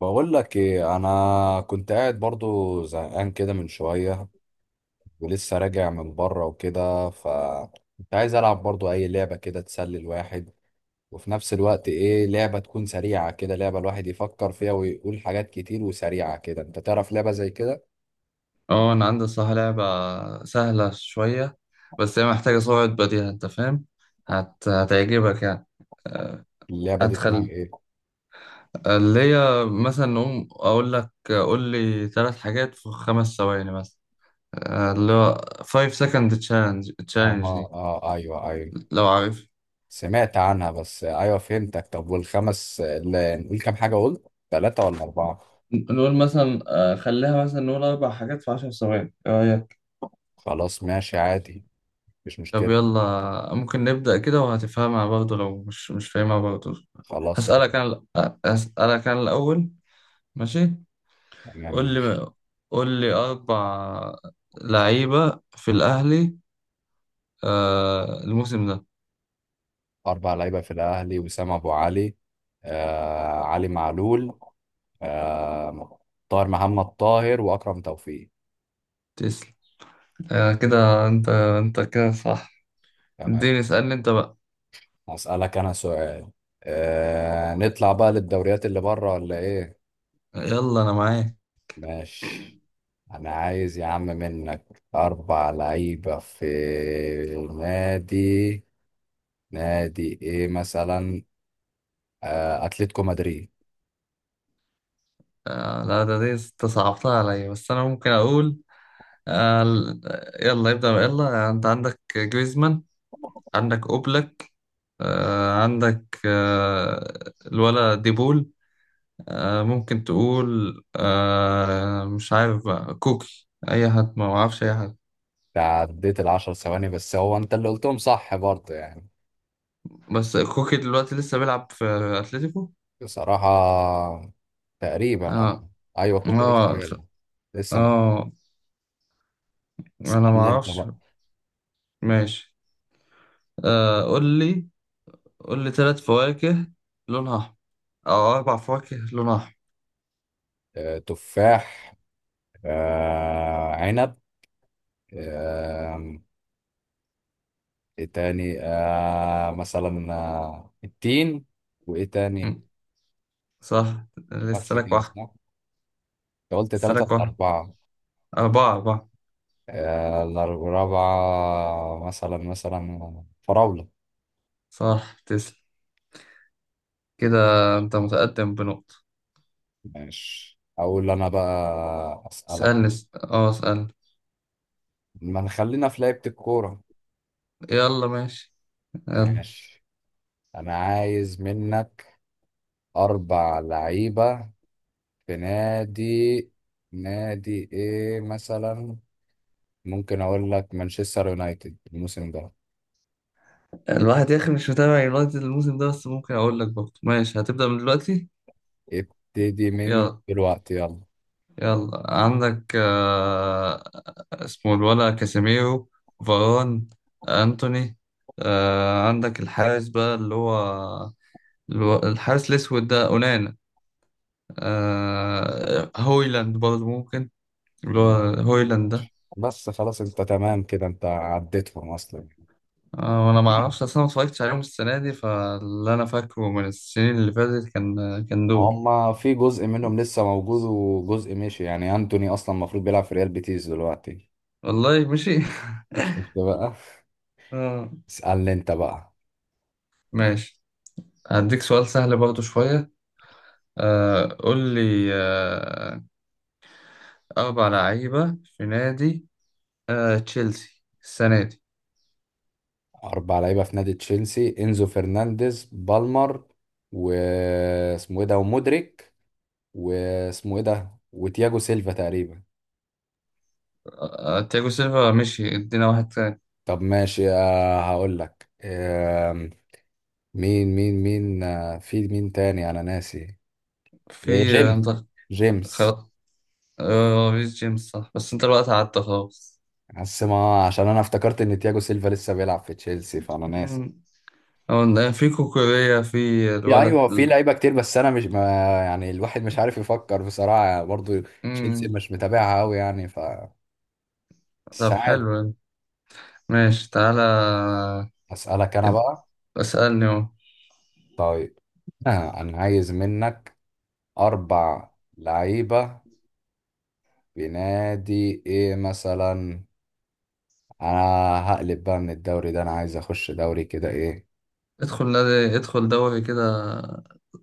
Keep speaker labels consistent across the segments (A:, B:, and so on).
A: بقول لك ايه، انا كنت قاعد برضو زهقان كده من شويه، ولسه راجع من بره وكده ف كنت عايز العب برضو اي لعبه كده تسلي الواحد، وفي نفس الوقت ايه لعبه تكون سريعه كده، لعبه الواحد يفكر فيها ويقول حاجات كتير وسريعه كده، انت تعرف لعبه زي كده؟
B: اه انا عندي الصراحة لعبة سهلة شوية بس هي محتاجة سرعة بديهة انت فاهم. هتعجبك يعني.
A: اللعبه دي اسمها
B: ادخل.
A: ايه؟
B: اللي هي مثلا نقوم اقول لك قول لي ثلاث حاجات في 5 ثواني مثلا. اللي هو 5 second challenge
A: اه
B: challenge
A: اه
B: دي
A: آه، ايوه ايوه،
B: لو عارف.
A: سمعت عنها بس ايوه فهمتك. طب والخمس لا، نقول كام حاجه؟ قلت ثلاثه ولا اربعه؟
B: نقول مثلا خليها مثلا نقول اربع حاجات في 10 ثواني ايه رأيك؟
A: خلاص ماشي عادي، مش
B: طب
A: مشكله.
B: يلا ممكن نبدأ كده وهتفهمها برضه لو مش فاهمها برضه.
A: خلاص
B: هسألك
A: ماشي.
B: انا هسألك انا الاول. ماشي.
A: تمام
B: قول
A: ماشي.
B: لي قول لي أربع لعيبة في الأهلي الموسم ده.
A: أربع لعيبة في الأهلي: وسام أبو علي، علي معلول، آه، طاهر محمد طاهر وأكرم توفيق.
B: تسلم. كده أنت كده صح.
A: تمام.
B: اديني اسألني أنت بقى.
A: هسألك أنا سؤال، نطلع بقى للدوريات اللي بره ولا إيه؟
B: يلا أنا معاك.
A: ماشي. أنا عايز يا عم منك أربع لعيبة في نادي، نادي إيه مثلا؟ أتلتيكو مدريد.
B: لا دي أنت صعبتها عليا بس أنا ممكن أقول. آه ال- يلا ابدأ بقى، يلا أنت عندك جريزمان. عندك أوبلك. عندك الولا ديبول. ممكن تقول مش عارف بقى كوكي أي حد ما أعرفش أي حد.
A: تعديت العشر ثواني بس هو أنت اللي قلتهم، صح برضه يعني.
B: بس كوكي دلوقتي لسه بيلعب في اتلتيكو.
A: بصراحة تقريبا
B: اه،
A: اه. ايوه كوكا لسه
B: اه،
A: جايلنا. لسه م-
B: اه. انا ما
A: استنى انت
B: اعرفش.
A: بقى.
B: ماشي. آه قول لي قول لي ثلاث فواكه لونها احمر او اربع فواكه لونها احمر.
A: تفاح، عنب، آه، ايه تاني؟ مثلا التين. وايه تاني؟
B: مم، صح لسه
A: بس
B: لك
A: كده
B: واحد.
A: صح؟ انت قلت
B: لسه
A: تلاتة
B: لك
A: ولا
B: واحد.
A: أربعة؟
B: اربعة اربعة.
A: الأربعة مثلا، فراولة.
B: صح تسلم. كده. انت متقدم بنقطة.
A: ماشي، أقول أنا بقى أسألك.
B: اسألني اس- اه اسألني.
A: ما نخلينا في لعبة الكورة.
B: يلا ماشي. يلا.
A: ماشي انا عايز منك اربع لعيبة في نادي نادي ايه مثلا؟ ممكن اقول لك مانشستر يونايتد الموسم ده.
B: الواحد يا اخي مش متابع يونايتد الموسم ده بس ممكن اقول لك برضه. ماشي هتبدأ من دلوقتي.
A: ابتدي من
B: يلا.
A: دلوقتي يلا.
B: يلا عندك اسمه الولا كاسيميرو. فاران. أنتوني. عندك الحارس بقى اللي هو الحارس الأسود ده أونانا. هويلاند برضه ممكن اللي هو
A: مم.
B: هويلاند ده.
A: بس خلاص انت تمام كده، انت عديتهم اصلا.
B: وأنا معرفش أصلا ما اتفرجتش عليهم السنة دي فاللي أنا فاكره من السنين اللي فاتت كان دول.
A: هما في جزء منهم لسه موجود وجزء مشي، يعني انتوني اصلا المفروض بيلعب في ريال بيتيس دلوقتي.
B: والله مشي.
A: شفت بقى.
B: آه،
A: اسألني انت بقى.
B: ماشي هديك سؤال سهل برضه شوية. قول لي أربع لعيبة في نادي تشيلسي السنة دي.
A: أربع لعيبة في نادي تشيلسي: إنزو فرنانديز، بالمر، واسمه إيه ده، ومودريك، واسمه إيه ده، وتياجو سيلفا تقريبا.
B: تياجو سيلفا مشي ادينا واحد تاني.
A: طب ماشي، هقول لك. مين، في مين تاني؟ أنا ناسي.
B: في
A: جيمس،
B: انت
A: جيمس.
B: خلاص. ريس جيمس صح بس انت الوقت قعدت خلاص.
A: بس ما عشان أنا افتكرت إن تياجو سيلفا لسه بيلعب في تشيلسي فأنا ناسي.
B: مم. هو في كوكوريا في
A: يا
B: الولد
A: أيوه في
B: ال-
A: لعيبة كتير بس أنا مش ما يعني الواحد مش عارف يفكر بصراحة برضو. تشيلسي
B: مم.
A: مش متابعها أوي يعني ف
B: طب
A: ساعات.
B: حلو يعني. ماشي تعالى.
A: أسألك أنا
B: اد-
A: بقى.
B: اسألني اهو.
A: طيب، أنا عايز منك أربع لعيبة في نادي إيه مثلا؟ أنا هقلب بقى من الدوري ده، أنا عايز أخش دوري كده إيه.
B: ادخل دوري كده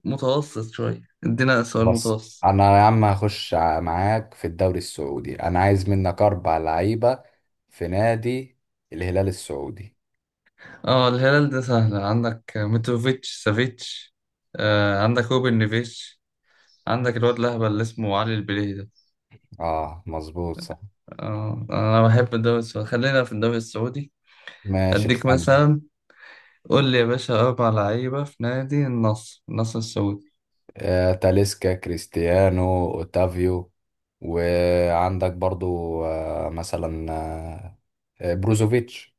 B: متوسط شوية ادينا سؤال
A: بص،
B: متوسط.
A: أنا يا عم هخش معاك في الدوري السعودي. أنا عايز منك أربع لعيبة في نادي الهلال السعودي.
B: اه الهلال ده سهل عندك متروفيتش سافيتش. عندك روبن نيفيتش. عندك الواد الأهبل اللي اسمه علي البليهي ده.
A: آه مظبوط صح.
B: أنا بحب الدوري السعودي خلينا في الدوري السعودي.
A: ماشي
B: أديك
A: اسأل.
B: مثلا قول لي يا باشا أربع لعيبة في نادي النصر، النصر السعودي.
A: تاليسكا، كريستيانو، اوتافيو، وعندك برضو مثلا بروزوفيتش.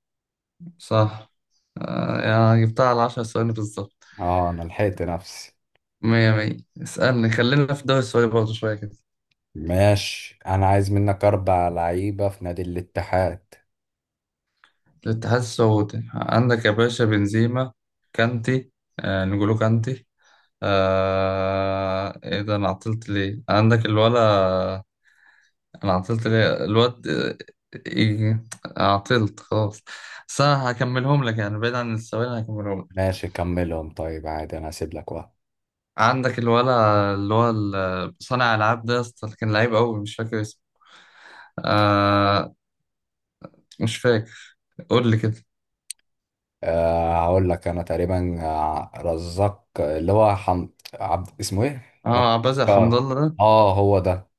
B: صح. يعني جبتها على 10 ثواني بالظبط.
A: اه انا لحقت نفسي.
B: مية مية. اسألني خلينا في الدوري السعودي برضه شوية كده.
A: ماشي انا عايز منك اربع لعيبة في نادي الاتحاد.
B: الاتحاد السعودي عندك يا باشا بنزيما. كانتي. نجولو كانتي. ايه ده انا عطلت ليه عندك الولا. انا عطلت ليه الواد إيه... عطلت خلاص. بس انا هكملهم لك يعني بعيد عن السؤال هكملهم لك.
A: ماشي كملهم، طيب عادي انا هسيب لك واحد.
B: عندك الولا اللي هو صانع العاب ده يا اسطى اللي كان لعيب قوي مش فاكر اسمه. آه... مش فاكر. قول لي كده.
A: أه هقول لك انا تقريبا، رزاق، اللي هو عبد اسمه ايه؟ رزاق،
B: اه عباس حمد
A: اه،
B: الله ده
A: هو ده.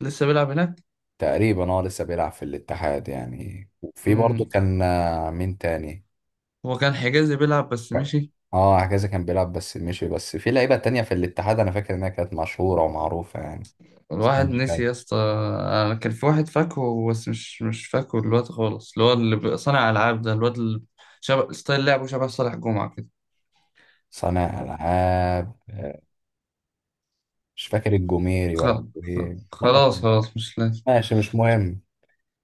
B: لسه بيلعب هناك.
A: تقريبا اه لسه بيلعب في الاتحاد يعني. وفي برضه
B: امم.
A: كان، مين تاني؟
B: هو كان حجازي بيلعب بس مشي.
A: اه هكذا كان بيلعب بس مشي. بس في لعيبة تانية في الاتحاد انا فاكر انها كانت مشهورة ومعروفة يعني.
B: الواحد
A: استنى
B: نسي
A: كده.
B: يا اسطى. انا كان في واحد فاكهه بس مش فاكهه الواد خالص اللي هو اللي صانع العاب ده الواد اللي شبه ستايل لعبه شبه صالح جمعة كده.
A: صانع العاب، مش فاكر الجوميري ولا ايه، والله ما
B: خلاص
A: فاكر.
B: خلاص مش لازم.
A: ماشي مش مهم.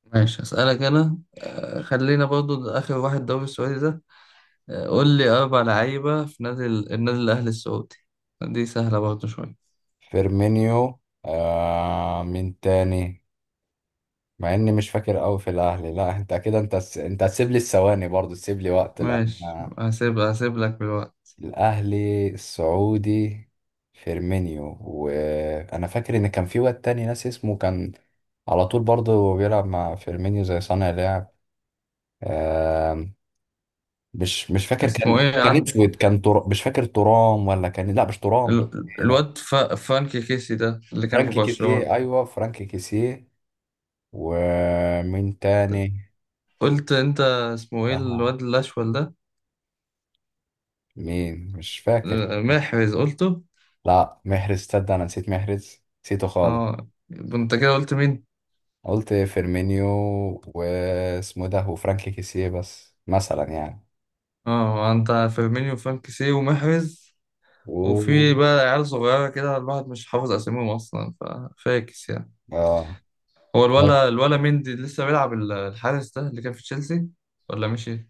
B: ماشي هسألك انا. خلينا برضو اخر واحد دوري السعودي ده. قول لي اربع لعيبة في نادي النادي الاهلي السعودي. دي سهلة برضو شوية.
A: فيرمينيو، آه، مين تاني؟ مع اني مش فاكر قوي في الاهلي. لا انت كده، انت هتسيب لي الثواني برضو، تسيب لي وقت
B: ماشي
A: لان
B: هسيب لك بالوقت.
A: الاهلي السعودي. فيرمينيو، وانا فاكر ان كان في واد تاني ناس اسمه، كان على طول برضه بيلعب مع فيرمينيو زي صانع لعب. آم، مش فاكر، كان
B: اسمه ايه عند
A: اسود، كان مش فاكر ترام ولا كان، لا مش ترام. إيه لا،
B: الواد فرانكي كيسي ده اللي كان في
A: فرانكي
B: برشلونة.
A: كيسيه، ايوه فرانكي كيسيه. ومين تاني؟
B: قلت انت. اسمه ايه
A: آه.
B: الواد الاشول ده.
A: مين؟ مش فاكر.
B: محرز قلته.
A: لا محرز، تصدق انا نسيت محرز، نسيته خالص.
B: اه انت كده قلت مين.
A: قلت فيرمينيو، واسمه ده، وفرانك كيسيه، بس مثلا يعني.
B: اه انت فيرمينيو وفرنكسي ومحرز
A: و
B: وفي بقى عيال صغيرة كده الواحد مش حافظ اساميهم أصلا ففاكس يعني.
A: اه،
B: هو
A: لا
B: الولا مندي لسه بيلعب الحارس ده اللي كان في تشيلسي ولا مشي.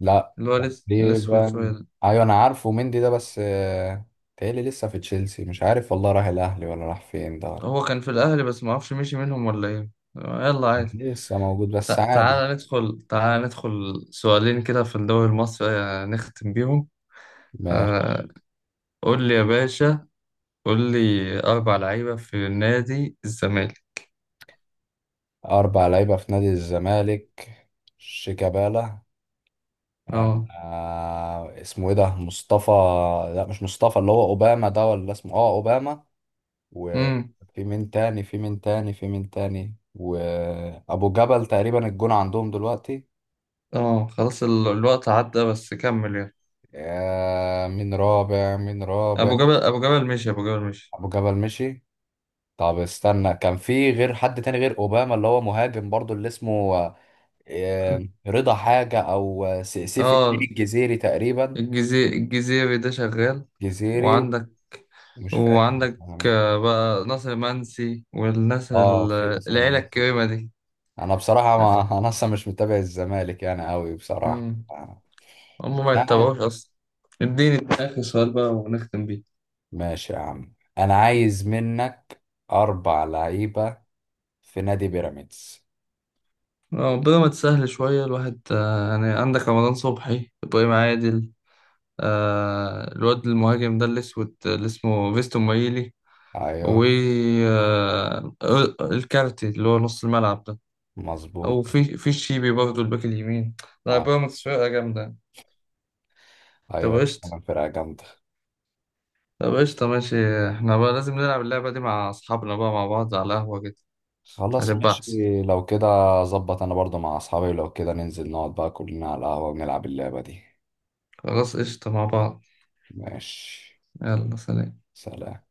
A: لا،
B: اللي هو الأسود شوية
A: تقريبا.
B: ده.
A: ايوه انا عارفه مندي ده بس، تهيألي لسه في تشيلسي مش عارف، والله راح الاهلي ولا راح فين ده ولا.
B: هو كان في الأهلي بس معرفش مشي منهم ولا ايه. يلا عادي.
A: لسه موجود بس
B: تع-
A: عادي.
B: تعالى ندخل تعالى ندخل سؤالين كده في الدوري المصري نختم بيهم.
A: ماشي.
B: آه، قول لي يا باشا قول لي أربع لعيبة في نادي الزمالك.
A: اربع لعيبه في نادي الزمالك: شيكابالا،
B: اه.
A: اسمه ايه ده، مصطفى؟ لا مش مصطفى، اللي هو اوباما ده، ولا اسمه، اه، اوباما.
B: امم.
A: وفي مين تاني، وأبو جبل تقريبا الجون عندهم دلوقتي.
B: اه خلاص الوقت عدى بس كمل يلا.
A: مين رابع؟
B: أبو جبل مشي. أبو جبل مشي.
A: أبو جبل مشي. طب استنى، كان في غير حد تاني غير أوباما، اللي هو مهاجم برضو، اللي اسمه رضا حاجة، أو سيف الدين
B: اه
A: الجزيري تقريبا.
B: الجزيري الجزيري ده شغال.
A: جزيري،
B: وعندك
A: مش فاكر
B: وعندك
A: الاسم.
B: بقى ناصر منسي والناس
A: اه في نصر
B: العيلة
A: المنصوري.
B: الكريمة دي.
A: انا بصراحة ما انا اصلا مش متابع الزمالك يعني قوي بصراحة.
B: امم. هم ما
A: لا.
B: يتبعوش أصلا. اديني آخر سؤال بقى ونختم بيه.
A: ماشي يا عم، انا عايز منك اربع لعيبة في نادي بيراميدز.
B: ربنا ما تسهل شوية الواحد يعني عندك رمضان صبحي إبراهيم عادل. الواد المهاجم ده الأسود اللي اسمه فيستون مايلي. و
A: ايوه
B: آه، الكارتي اللي هو نص الملعب ده.
A: مظبوط.
B: أو في الشيبي برضه الباك اليمين. لا
A: آه.
B: بيراميدز فرقة جامدة. طب
A: ايوه
B: قشطة
A: انا فرقة جامدة.
B: طب قشطة ماشي. احنا بقى لازم نلعب اللعبة دي مع أصحابنا بقى مع بعض على القهوة كده.
A: خلاص
B: هتبقى
A: ماشي.
B: أحسن.
A: لو كده، ظبط، انا برضو مع اصحابي لو كده ننزل نقعد بقى كلنا على القهوة ونلعب اللعبة دي.
B: خلاص قشطة مع بعض.
A: ماشي.
B: يلا سلام.
A: سلام.